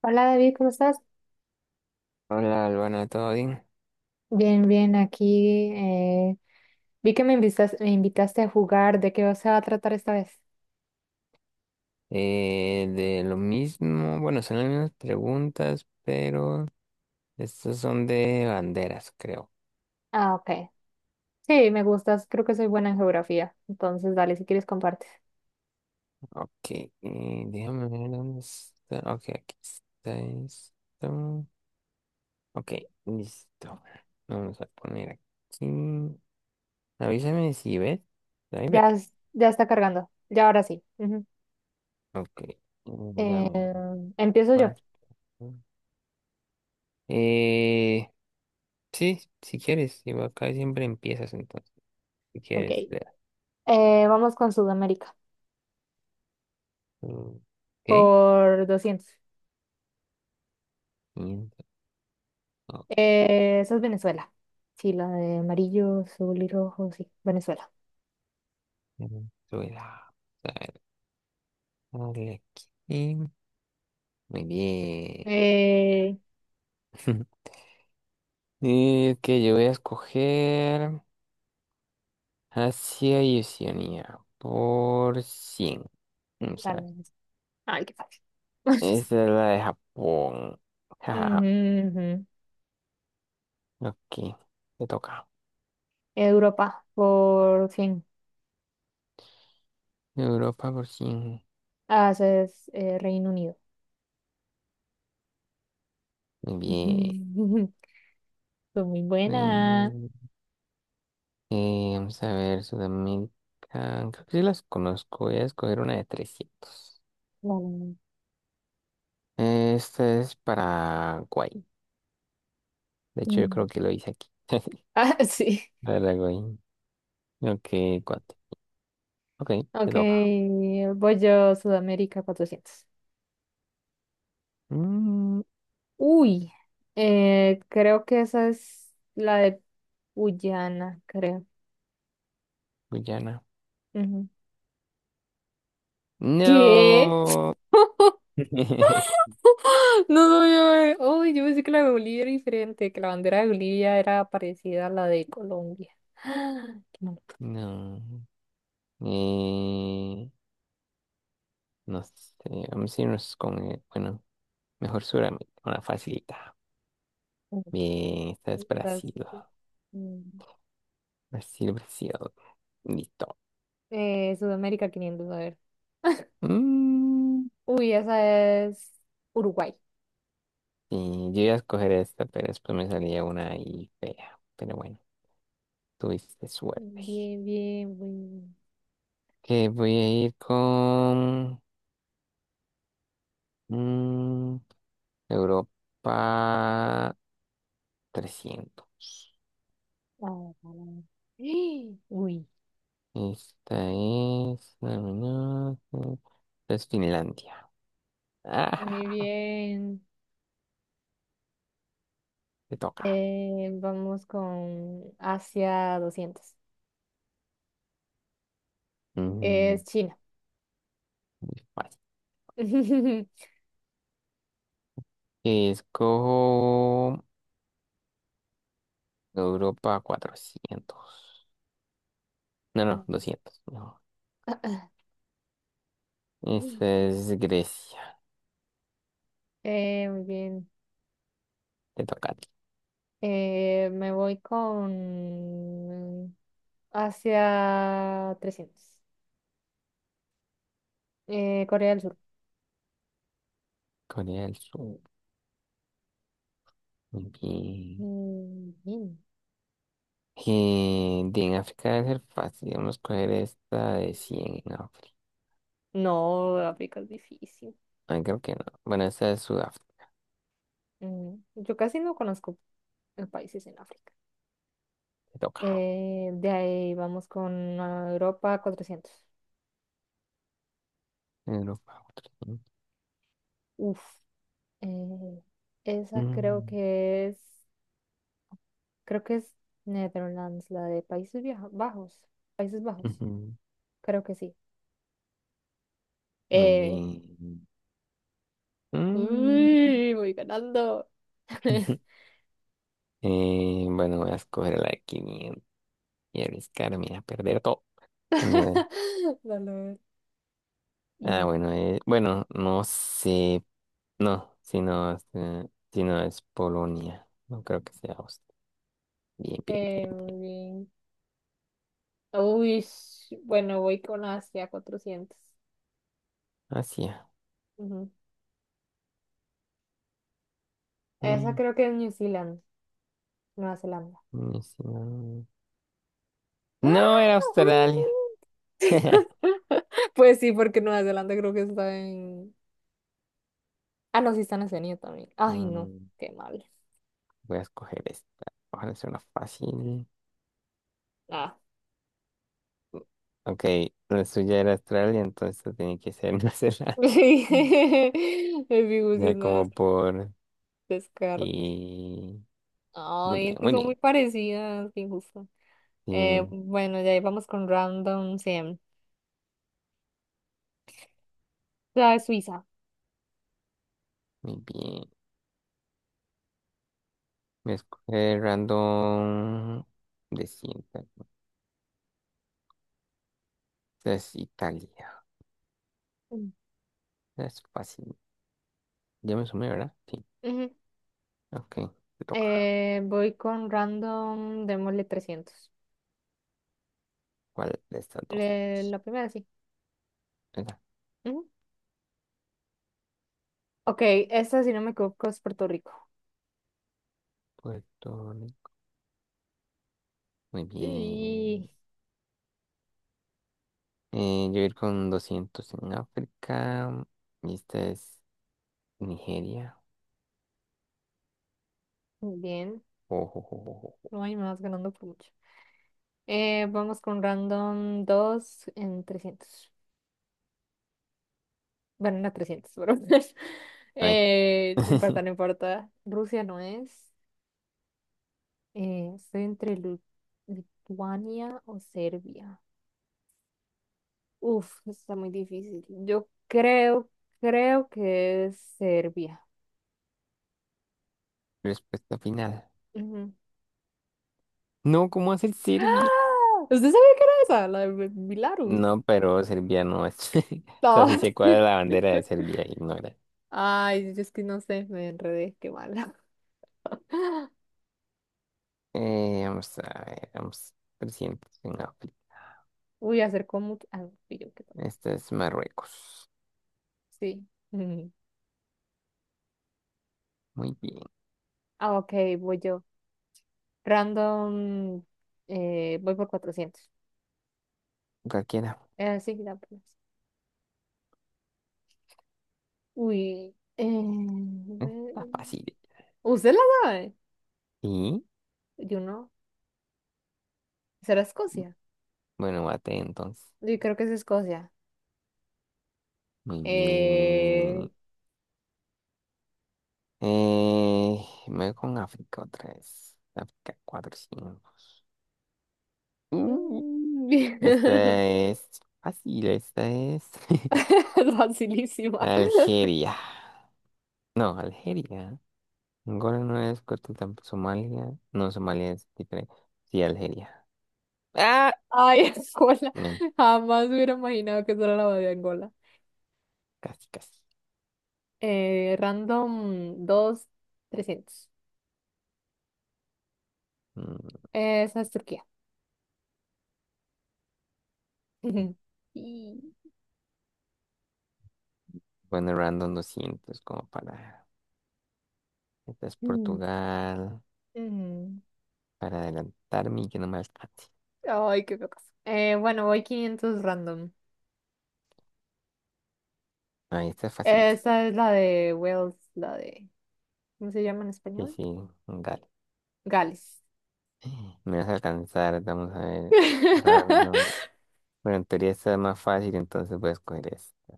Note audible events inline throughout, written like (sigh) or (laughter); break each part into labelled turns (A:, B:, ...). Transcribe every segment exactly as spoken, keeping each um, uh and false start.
A: Hola David, ¿cómo estás?
B: Hola, Albana, ¿todo bien?
A: Bien, bien, aquí. eh, vi que me invitas- me invitaste a jugar. ¿De qué se va a tratar esta vez?
B: Eh, de lo mismo, bueno, son las mismas preguntas, pero estas son de banderas, creo.
A: Ah, ok. Sí, me gustas. Creo que soy buena en geografía. Entonces, dale, si quieres, compartes.
B: Ok, eh, déjame ver dónde está. Ok, aquí está esto. Ok, listo. Vamos a poner aquí. Avísame si ves. Ahí ves.
A: Ya, es- ya está cargando. Ya ahora sí. Ujú.
B: Ok, mm,
A: Eh,
B: dame un
A: empiezo yo.
B: más. Eh, sí, si quieres, igual acá siempre empiezas entonces. Si
A: Ok.
B: quieres, vea.
A: Eh, vamos con Sudamérica.
B: Mm, ok.
A: Por doscientos.
B: Quinta, ok.
A: Eh, eso es Venezuela. Sí, la de amarillo, azul y rojo. Sí, Venezuela.
B: Suela. A ver, dale aquí. Muy bien.
A: Eh,
B: (laughs) Es que yo voy a escoger Asia y Oceanía por cien. Vamos a ver.
A: dale. Ay, qué fácil. (laughs)
B: Esta es la de Japón. (laughs)
A: Ujú,
B: Jajaja.
A: ujú.
B: Ok, te toca.
A: Europa, por fin.
B: Europa por cien.
A: Haces eh, Reino Unido.
B: Muy bien.
A: (laughs) Fue muy buena.
B: Mm, eh, vamos a ver, Sudamérica. Creo que sí las conozco. Voy a escoger una de trescientos.
A: Vale.
B: Este es Paraguay. De hecho, yo
A: Mm.
B: creo que lo hice aquí. (laughs)
A: Ah, (laughs) sí.
B: Paraguay. Ok, cuate. Ok, te
A: Ok,
B: toca.
A: voy yo Sudamérica cuatrocientos.
B: Mm,
A: Uy, eh, creo que esa es la de Guyana, creo.
B: Guyana.
A: Ujú. ¿Qué?
B: No.
A: (laughs)
B: (laughs)
A: No sabía. Uy, yo pensé que la de Bolivia era diferente, que la bandera de Bolivia era parecida a la de Colombia. (gasps) Qué mal.
B: No. Eh, no sé. Vamos a irnos con, eh, bueno, mejor Sudamérica. Una facilita. Bien, esta es
A: Entonces,
B: Brasil.
A: mm,
B: Brasil, Brasil. Listo.
A: eh, Sudamérica quinientos a ver.
B: Mm,
A: Uy, esa es Uruguay.
B: sí, yo iba a escoger esta, pero después me salía una ahí fea. Pero bueno. Tuviste suerte.
A: Bien, bien, bien.
B: Que voy a ir con mm, Europa trescientos.
A: Ah, (gasps) Uy,
B: Esta es... no, no, no, esta es Finlandia. (laughs)
A: muy
B: Ah,
A: bien.
B: te toca.
A: Eh, vamos con Asia doscientos.
B: Mm,
A: Es China.
B: vale.
A: (laughs)
B: Escojo Europa cuatrocientos. No, no, doscientos. No. Esta es Grecia.
A: Eh, muy bien.
B: Te toca a ti.
A: Eh, me voy con Asia trescientos. Eh, Corea del Sur.
B: Corea del Sur. Muy bien.
A: Mm, bien.
B: Eh, de en África debe ser fácil. Vamos a coger esta de cien en África.
A: No, África es difícil.
B: Ah, creo que no. Bueno, esta es Sudáfrica.
A: Mm, yo casi no conozco eh, países en África.
B: Te toca.
A: Eh, de ahí vamos con ah, Europa cuatrocientos.
B: Europa. Otro, ¿no?
A: Uf, eh, esa creo
B: Mm,
A: que es, creo que es Netherlands, la de Países Vieja- Bajos, Países Bajos,
B: ujú.
A: creo que sí.
B: Muy
A: Eh,
B: bien. Mm.
A: uy, voy ganando.
B: (laughs)
A: (laughs)
B: Eh, bueno, voy a escoger la de quinientos y arriesgarme a perder todo. (laughs) Vamos a ver.
A: (laughs) Dale, a ver.
B: Ah,
A: Y,
B: bueno, eh, bueno, no sé. No, si no, es, eh, si no es Polonia. No creo que sea Austria. Bien, bien,
A: eh,
B: bien.
A: muy bien. Uy, sh- bueno, voy con Asia cuatrocientos.
B: Asia.
A: Ujú. Esa
B: Mm,
A: creo que es New Zealand, Nueva Zelanda.
B: mm, sí, no.
A: ¡Ah!
B: No era Australia.
A: Mm.
B: (laughs)
A: (laughs) Pues sí, porque Nueva Zelanda creo que está en... Ah, no, sí está en Oceanía también. Ay, no,
B: Mm,
A: qué mal.
B: voy a escoger esta. Ojalá sea una fácil.
A: Ah.
B: Ok, la suya era Australia, entonces tiene que ser (laughs) Nueva
A: (laughs)
B: Zelanda.
A: El
B: Mm.
A: Fibusi
B: Ya
A: es Nueva
B: como
A: Zelanda,
B: por ti.
A: descarte.
B: Muy
A: Ay,
B: bien,
A: es que
B: muy
A: son
B: bien.
A: muy parecidas, qué injusto.
B: Sí,
A: Eh, bueno, ya ahí vamos con Random cien. ¿Sabes? Suiza.
B: muy bien. Voy a escoger random de cinta. Esta es Italia.
A: Mm.
B: Esta es fácil. Ya me sumé, ¿verdad? Sí.
A: Ujú.
B: Ok, te toca.
A: Eh, voy con Random, démosle trescientos.
B: ¿Cuál de estas dos?
A: Eh, la primera, sí.
B: Esa.
A: Ok, esta, si no me equivoco, es Puerto Rico.
B: Puerto Rico. Muy bien.
A: Y
B: Eh, yo voy a ir con doscientos en África. Y esta es Nigeria.
A: bien,
B: Ojo, ojo, ojo, ojo.
A: no hay más ganando por mucho. Eh, vamos con random dos en trescientos. Bueno, no trescientos pero (laughs)
B: Ay.
A: eh, no
B: (laughs)
A: importa, no importa. Rusia no es. Eh, estoy entre Lu- Lituania o Serbia. Uf, esto está muy difícil. Yo creo, creo que es Serbia.
B: Respuesta final.
A: Ujú.
B: No, ¿cómo hacer
A: (gasps)
B: Serbia?
A: ¡Ah! ¿Usted sabía que era esa? La de Belarus.
B: No, pero Serbia no es. (laughs) O sea, si
A: Ah,
B: se cuadra la bandera de
A: (laughs)
B: Serbia, ignora.
A: Ay, yo es que no sé, me enredé, qué mala. (laughs)
B: Eh, vamos a ver, vamos. Trescientos en África.
A: Uy, acercó mucho. Ah, fui yo, qué tal.
B: Esta es Marruecos.
A: Sí. (laughs) Mm.
B: Muy bien.
A: Ah, ok, voy yo. Random, eh, voy por cuatrocientos.
B: Cualquiera.
A: Eh, sí, ya, pues. Uy, eh, bueno.
B: Está fácil.
A: ¿Usted la sabe?
B: Y
A: Yo no. ¿Será Escocia?
B: bueno, bate entonces.
A: Yo creo que es Escocia.
B: Muy
A: Eh...
B: bien. Eh, Me voy con África otra vez. África cuatro cinco. Uh,
A: mm,
B: esta es fácil, esta es (laughs)
A: (laughs) facilísima.
B: Algeria. No, Algeria. Angola no es. Coto tampoco Somalia. No, Somalia es diferente. Sí, Algeria. Ah,
A: Ay, (laughs) Angola.
B: men,
A: Jamás hubiera imaginado que eso era la bandera de Angola.
B: casi, casi.
A: Eh, random dos trescientos.
B: Mm,
A: Esa es Turquía. Ujú. Y...
B: bueno, random doscientos como para... Esta es
A: mm,
B: Portugal.
A: mm.
B: Para adelantarme y que no me alcance.
A: Ay, qué locas. Eh, bueno, voy quinientos random.
B: Ah, esta es facilísima.
A: Esa es la de Wales, la de... ¿Cómo se llama en
B: Sí,
A: español?
B: sí,
A: Gales.
B: me vas a alcanzar, vamos a ver. Random.
A: (laughs)
B: Bueno, en teoría está más fácil, entonces voy a escoger este.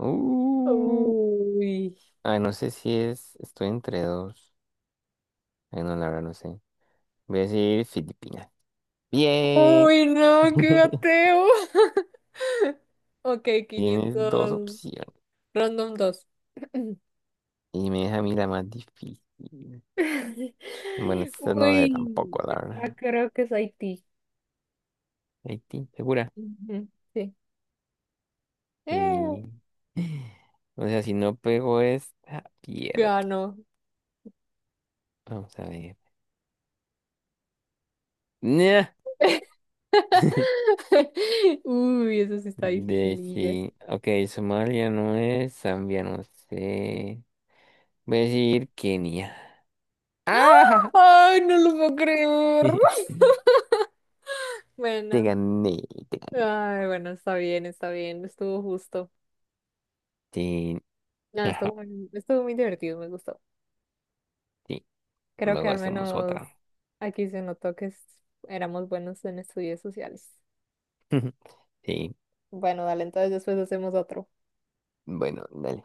B: Uh,
A: Uy.
B: ah, no sé si es. Estoy entre dos. Ay, no, la verdad no sé. Voy a decir Filipinas. Bien.
A: Uy, no, qué
B: (laughs)
A: ateo. (laughs) Ok,
B: Tienes dos
A: quinientos
B: opciones.
A: random dos (clears throat)
B: Y me deja a mí la más difícil.
A: (laughs)
B: Bueno, esta no sé
A: Uy,
B: tampoco, la
A: ya
B: verdad.
A: creo que es Haití.
B: Haití, ¿segura?
A: Ujú, sí. Eh,
B: Sí. (laughs) O sea, si no pego esta, pierdo.
A: ganó.
B: Vamos a ver. Nah. (laughs)
A: (laughs) Uy, eso sí está
B: De
A: dificililla.
B: sí. Ok, Somalia no es, Zambia no sé. Voy a decir Kenia. ¡Ah!
A: Ay, no lo puedo creer.
B: (laughs)
A: (laughs)
B: Te
A: Bueno,
B: gané, te gané. (laughs)
A: ay, bueno, está bien, está bien, estuvo justo.
B: Sí,
A: No,
B: ajá,
A: estuvo, muy- estuvo muy divertido, me gustó.
B: sí.
A: Creo que
B: Luego
A: al
B: hacemos
A: menos
B: otra.
A: aquí se notó que es- éramos buenos en estudios sociales.
B: (laughs) Sí.
A: Bueno, dale, entonces después hacemos otro.
B: Bueno, dale.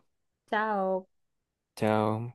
A: Chao.
B: Chao.